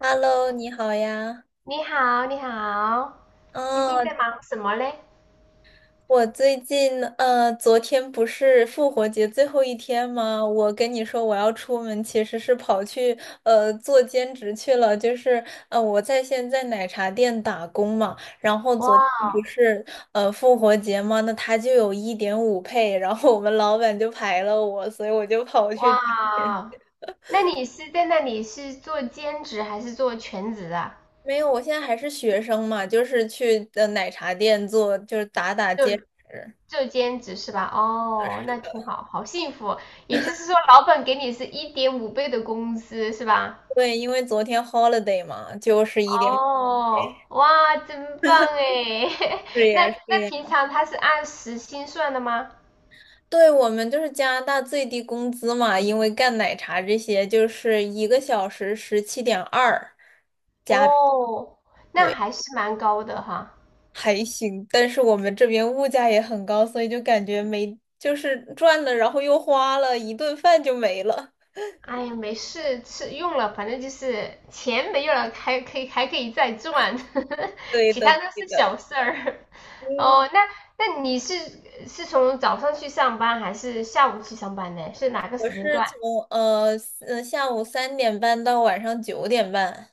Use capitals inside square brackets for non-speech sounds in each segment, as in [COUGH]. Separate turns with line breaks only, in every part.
Hello，你好呀。
你好，你好，最近在
哦，
忙什么嘞？
我最近昨天不是复活节最后一天吗？我跟你说我要出门，其实是跑去做兼职去了，就是我在现在奶茶店打工嘛。然后
哇
昨天
哦，
不是复活节嘛，那他就有一点五配，然后我们老板就排了我，所以我就跑去。
哇，那你是在那里是做兼职还是做全职啊？
没有，我现在还是学生嘛，就是去的奶茶店做，就是打打
做
兼职。
做兼职是吧？哦，那挺好，好幸福。也就是说，老板给你是1.5倍的工资是吧？
对，因为昨天 holiday 嘛，就是一点。
哦，哇，真棒哎！[LAUGHS]
是
那
呀，是
那
呀，
平常他是按时薪算的吗？
对，我们就是加拿大最低工资嘛，因为干奶茶这些，就是一个小时17.2，
哦，那还是蛮高的哈。
还行。但是我们这边物价也很高，所以就感觉没，就是赚了，然后又花了，一顿饭就没了。
哎呀，没事，吃用了，反正就是钱没有了，还可以再赚。[LAUGHS]
对
其他
的，
都
对
是小
的。
事儿。
嗯，
哦，那那你是从早上去上班还是下午去上班呢？是哪个
我
时间
是
段？
从呃下午3点半到晚上9点半。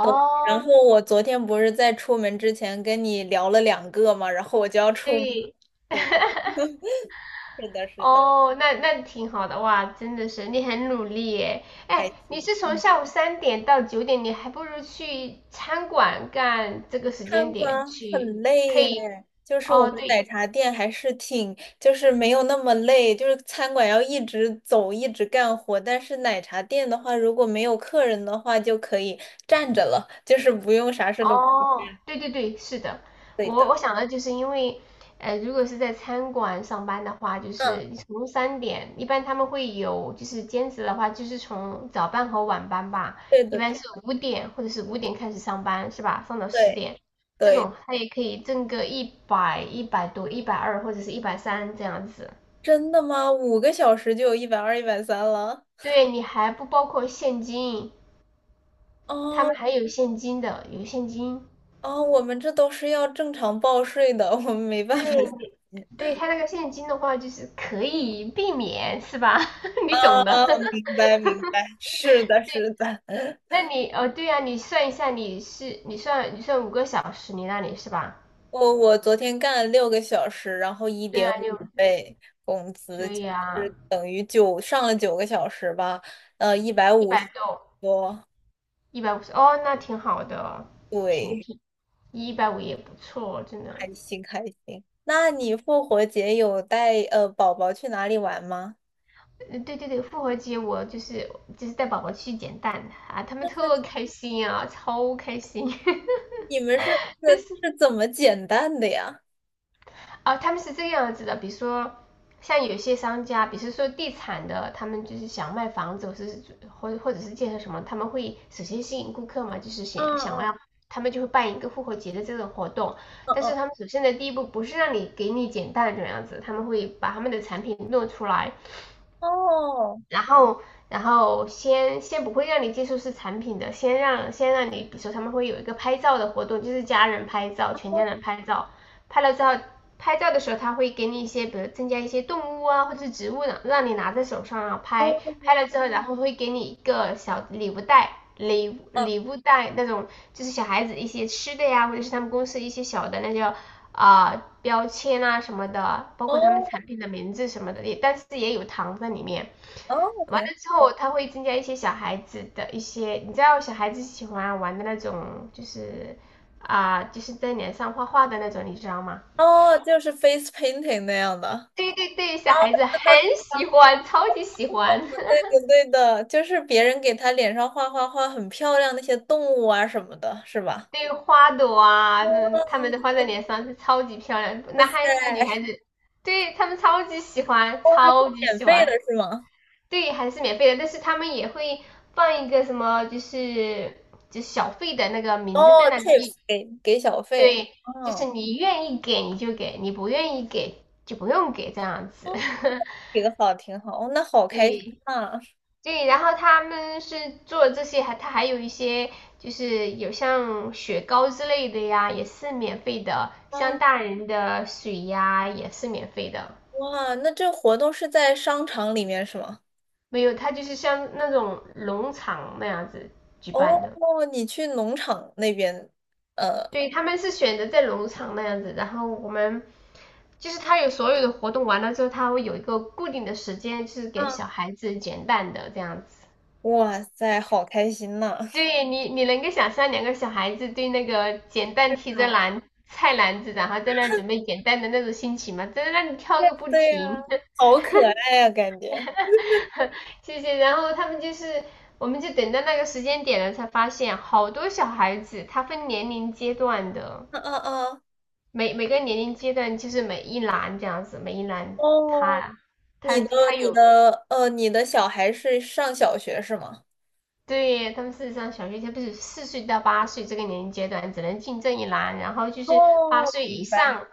对，然后我昨天不是在出门之前跟你聊了两个嘛，然后我就要出门。
对。
对，
[LAUGHS]
[LAUGHS] 是的，是的，
哦，那挺好的哇，真的是你很努力耶。
还
哎，你
行。
是从
嗯，
下午三点到九点，你还不如去餐馆干这个时
看
间
过，
点去，
很累
可以。
耶。就是我
哦，
们
对。
奶茶店还是挺，就是没有那么累，就是餐馆要一直走，一直干活。但是奶茶店的话，如果没有客人的话，就可以站着了，就是不用啥事都不
哦，
干。
对对对，是的。
对
我
的，
我想的就是因为，如果是在餐馆上班的话，就是
嗯，
你从三点，一般他们会有就是兼职的话，就是从早班和晚班吧，
对的，
一般
对
是五点或者是五点开始上班是吧？上到十
对
点，这
对，
种他也可以挣个一百、一百多、120或者是130这样子。
真的吗？5个小时就有120、130了。
对，你还不包括现金，他们
哦
还有现金的，有现金。
哦，我们这都是要正常报税的，我们没办法
对，
[LAUGHS]。
对他那个现金的话，就是可以避免，是吧？[LAUGHS] 你
啊，
懂的。[LAUGHS]
明白明白，是的，是的。[LAUGHS]
那你哦，对呀，你算一下，你算5个小时，你那里是吧？
我昨天干了6个小时，然后一
对
点
啊，
五
6个小时，
倍工
所
资，就
以啊，
是等于上了9个小时吧，一百
一
五十
百多，
多，
150，哦，那挺好的，挺
对，
挺，一百五也不错，真的。
开心开心。那你复活节有带宝宝去哪里玩吗？
嗯，对对对，复活节我就是就是带宝宝去捡蛋啊，他们特
那
开心啊，超开心。[LAUGHS]
你们是是怎么减蛋的呀？
啊，他们是这个样子的，比如说像有些商家，比如说地产的，他们就是想卖房子，或者是建设什么，他们会首先吸引顾客嘛，就是想
嗯
想要
嗯
他们就会办一个复活节的这种活动，
嗯
但是
嗯，
他们首先的第一步不是让你给你减单的这样子，他们会把他们的产品弄出来，
哦。
然后然后先不会让你接触是产品的，先让你，比如说他们会有一个拍照的活动，就是家人拍照，全家人拍照，拍了之后。拍照的时候，他会给你一些，比如增加一些动物啊，或者是植物呢，让你拿在手上啊
哦，
拍。拍了
嗯，
之后，然后会给你一个小礼物袋，礼物袋那种，就是小孩子一些吃的呀，或者是他们公司一些小的那叫标签啊什么的，包括他们
哦，
产品的名字什么的，也但是也有糖在里面。
哦，挺
完了
好，
之后，他会增加一些小孩子的一些，你知道小孩子喜欢玩的那种，就是在脸上画画的那种，你知道吗？
哦，就是 face painting 那样的，
对对对，小孩子很喜欢，超级喜欢。[LAUGHS]
对的，对的，就是别人给他脸上画画画很漂亮那些动物啊什么的，是吧？
对花朵啊，嗯，他们
哦，
的画在脸上是超级漂亮，
哇
男孩子、女孩
塞，
子，对他们超级喜欢，
哇，是
超级
免
喜
费
欢。
的是吗？
对，还是免费的，但是他们也会放一个什么，就是小费的那个
哦
名字在那里面。
，tips 给小费，
对，就是
嗯，
你愿意给你就给，你不愿意给就不用给这样
哦，
子。[LAUGHS]
给的好，挺好，哦，那好开心
对
啊，
对，然后他们是做这些，还他还有一些就是有像雪糕之类的呀，也是免费的，像
哦，
大人的水呀也是免费的。
哇，那这活动是在商场里面是吗？
没有，他就是像那种农场那样子举办的。
哦，你去农场那边，呃。
对，他们是选择在农场那样子，然后我们就是他有所有的活动完了之后，他会有一个固定的时间，就是给小孩子捡蛋的这样子。
哇塞，好开心呐！
对你，你能够想象两个小孩子对那个捡蛋提着
啊，
篮菜篮子，然后在那儿准备捡蛋的那种心情吗？在那里跳个
[LAUGHS]
不
对呀、
停。
好可爱呀、感觉。
[LAUGHS] 谢谢。然后他们就是，我们就等到那个时间点了，才发现好多小孩子，他分年龄阶段的，
嗯嗯嗯，
每个年龄阶段就是每一栏这样子，每一栏
哦，
他他他有
你的小孩是上小学是吗？
对他们事实上小学生不是4岁到八岁这个年龄阶段只能进这一栏，然后就是八
哦，
岁
明
以
白。
上，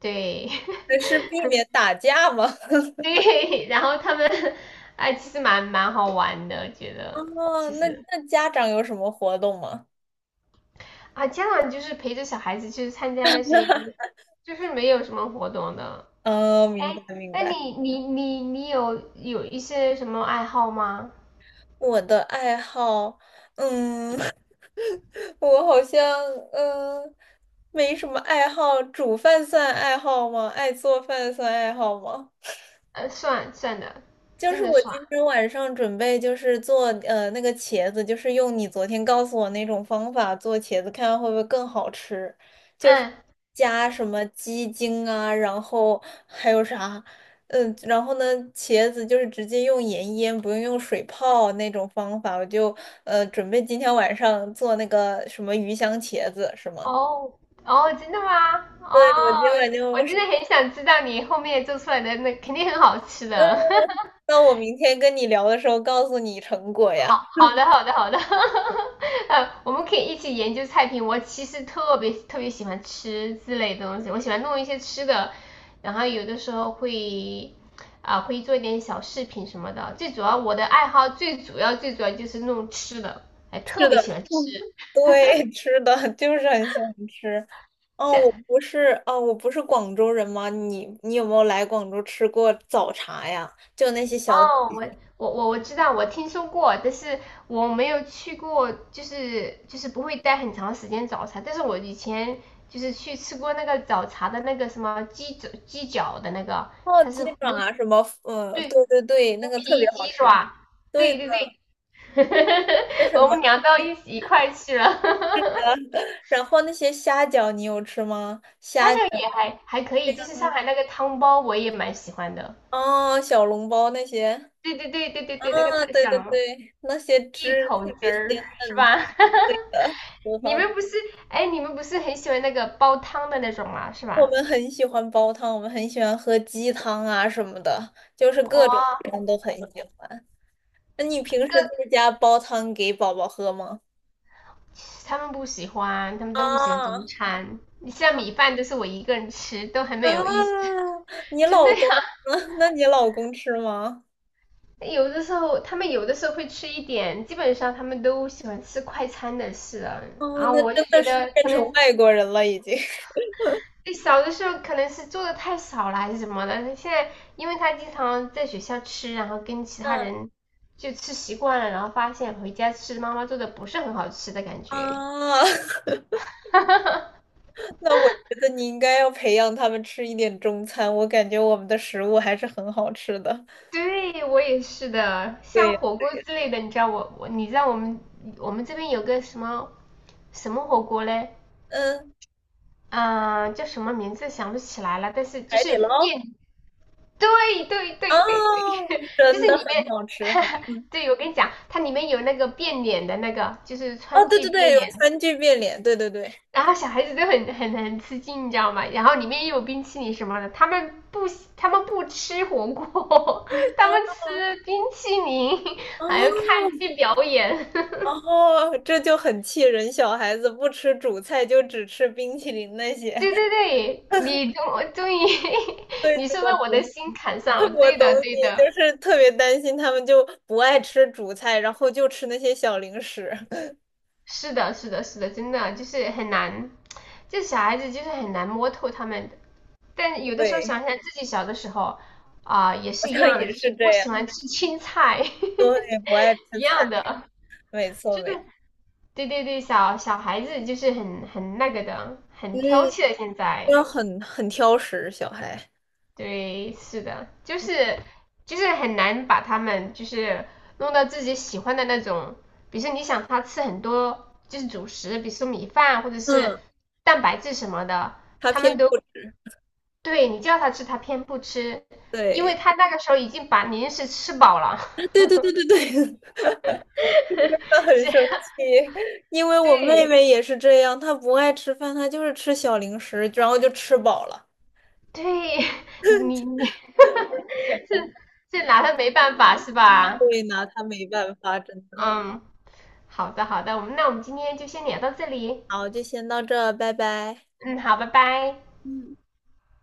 对。
那是避免打架吗？[LAUGHS]
[LAUGHS] 对，然后他们哎其实蛮好玩的，觉得
哦，
其
那
实
家长有什么活动吗？
啊家长就是陪着小孩子去参加那些就是没有什么活动的。
哦，
哎，
明白明
那
白。
你有有一些什么爱好吗？
我的爱好，嗯，[LAUGHS] 我好像嗯没什么爱好，煮饭算爱好吗？爱做饭算爱好吗？
算的，
就
真
是
的
我
算，
今天晚上准备就是做那个茄子，就是用你昨天告诉我那种方法做茄子，看看会不会更好吃。就是
嗯。
加什么鸡精啊，然后还有啥，然后呢，茄子就是直接用盐腌，不用用水泡那种方法。我就准备今天晚上做那个什么鱼香茄子，是吗？
哦，哦，真的吗？
对，
哦，
我今晚
我真
就，
的很想知道你后面做出来的那肯定很好吃
嗯，
的。[LAUGHS]
那我明天跟你聊的时候告诉你成果
好
呀。
好的，好的好的。[LAUGHS] 我们可以一起研究菜品。我其实特别特别喜欢吃之类的东西，我喜欢弄一些吃的，然后有的时候会会做一点小饰品什么的。最主要我的爱好最主要就是弄吃的，哎，特
是
别
的，
喜
[LAUGHS]
欢吃。
嗯对，吃的，就是很想吃。哦，我不是广州人吗？你有没有来广州吃过早茶呀？就那些小
哦，我知道，我听说过，但是我没有去过，就是不会待很长时间早茶。但是我以前就是去吃过那个早茶的那个什么鸡脚的那个，
哦，
它
鸡
是胡
爪啊，什么，嗯，
对，
对对对，那
胡
个特别
皮
好
鸡
吃。
爪，
对
对
的，
对对。
为
[LAUGHS]
什
我
么？
们聊到一块去了。[LAUGHS]
然后那些虾饺你有吃吗？
虾饺也还可以，就是上
嗯
海那个汤包我也蛮喜欢的。
哦，小笼包那些，
对对对对对对，那个
啊，
太
对
香
对
了，
对，那些
一
汁
口
特
汁
别
儿
鲜
是
嫩，
吧？[LAUGHS]
对的，很
你
好。
们不是，哎，你们不是很喜欢那个煲汤的那种吗？是
我
吧？
们很喜欢煲汤，我们很喜欢喝鸡汤啊什么的，就是各种
哇，
汤都很喜欢。那你平
哥，
时在家煲汤给宝宝喝吗？
他们不喜欢，他们都不喜欢中
啊
餐。你像米饭都是我一个人吃，都很没有意思。
啊！你
[LAUGHS] 真的
老
呀，
公呢？[LAUGHS] 那你老公吃吗？
有的时候他们有的时候会吃一点，基本上他们都喜欢吃快餐的事啊。
哦，
然
那
我就
真的
觉
是
得
变
可
成
能
外国人了已经。[LAUGHS]
对，小的时候可能是做的太少了还是什么的，现在因为他经常在学校吃，然后跟其他
嗯
人就吃习惯了，然后发现回家吃妈妈做的不是很好吃的感觉。
啊，[LAUGHS] 那我觉得你应该要培养他们吃一点中餐，我感觉我们的食物还是很好吃的。
对，我也是的，像
对，
火锅之类的，你知道我们这边有个什么火锅嘞？
嗯，
嗯，叫什么名字想不起来了，但是就
海
是
底捞
燕，对对对对对。
啊，
[LAUGHS] 就是
真的
里
很
面。
好吃。
[LAUGHS]
嗯。
对，我跟你讲，它里面有那个变脸的那个，就是
哦，
川
对
剧
对对，
变
有
脸，
川剧变脸，对对对。
然后小孩子都很吃惊，你知道吗？然后里面又有冰淇淋什么的，他们不吃火锅，[LAUGHS] 他们吃冰淇淋，
哦
还要看剧表演。[LAUGHS]
哦，这就很气人，小孩子不吃主菜，就只吃冰淇淋那些。
对
[LAUGHS]
对对，你终于。 [LAUGHS]
对，
你说
我
到我的
懂，
心坎上了，
[LAUGHS] 我
对
懂
的对
你，
的。
就是特别担心他们就不爱吃主菜，然后就吃那些小零食。[LAUGHS]
是的，是的，是的，真的就是很难，就小孩子就是很难摸透他们的。但有的时候
对，
想想自己小的时候，也
好
是一
像
样的，
也
就是
是这
不喜
样。
欢吃青菜。
对，不爱
[LAUGHS] 一
吃菜，
样的，
没错
就
没错。
是对对对，小孩子就是很那个的，很
嗯，
挑剔的。现在
要很挑食，小孩。
对，是的，就是很难把他们就是弄到自己喜欢的那种，比如说你想他吃很多就是主食，比如说米饭或者是
嗯，
蛋白质什么的，
他
他
偏
们都
不，
对你叫他吃，他偏不吃，因为
对，
他那个时候已经把零食吃饱了。[LAUGHS]
[LAUGHS] 对对对对对，他很生气，因为我妹
对
妹也是这样，她不爱吃饭，她就是吃小零食，然后就吃饱了。
对。[LAUGHS] 你 [LAUGHS] 是是拿他没办法是吧？
所以拿她没办法，真的。
嗯，好的好的，我们今天就先聊到这里。
好，就先到这，拜拜。
嗯，好，拜拜。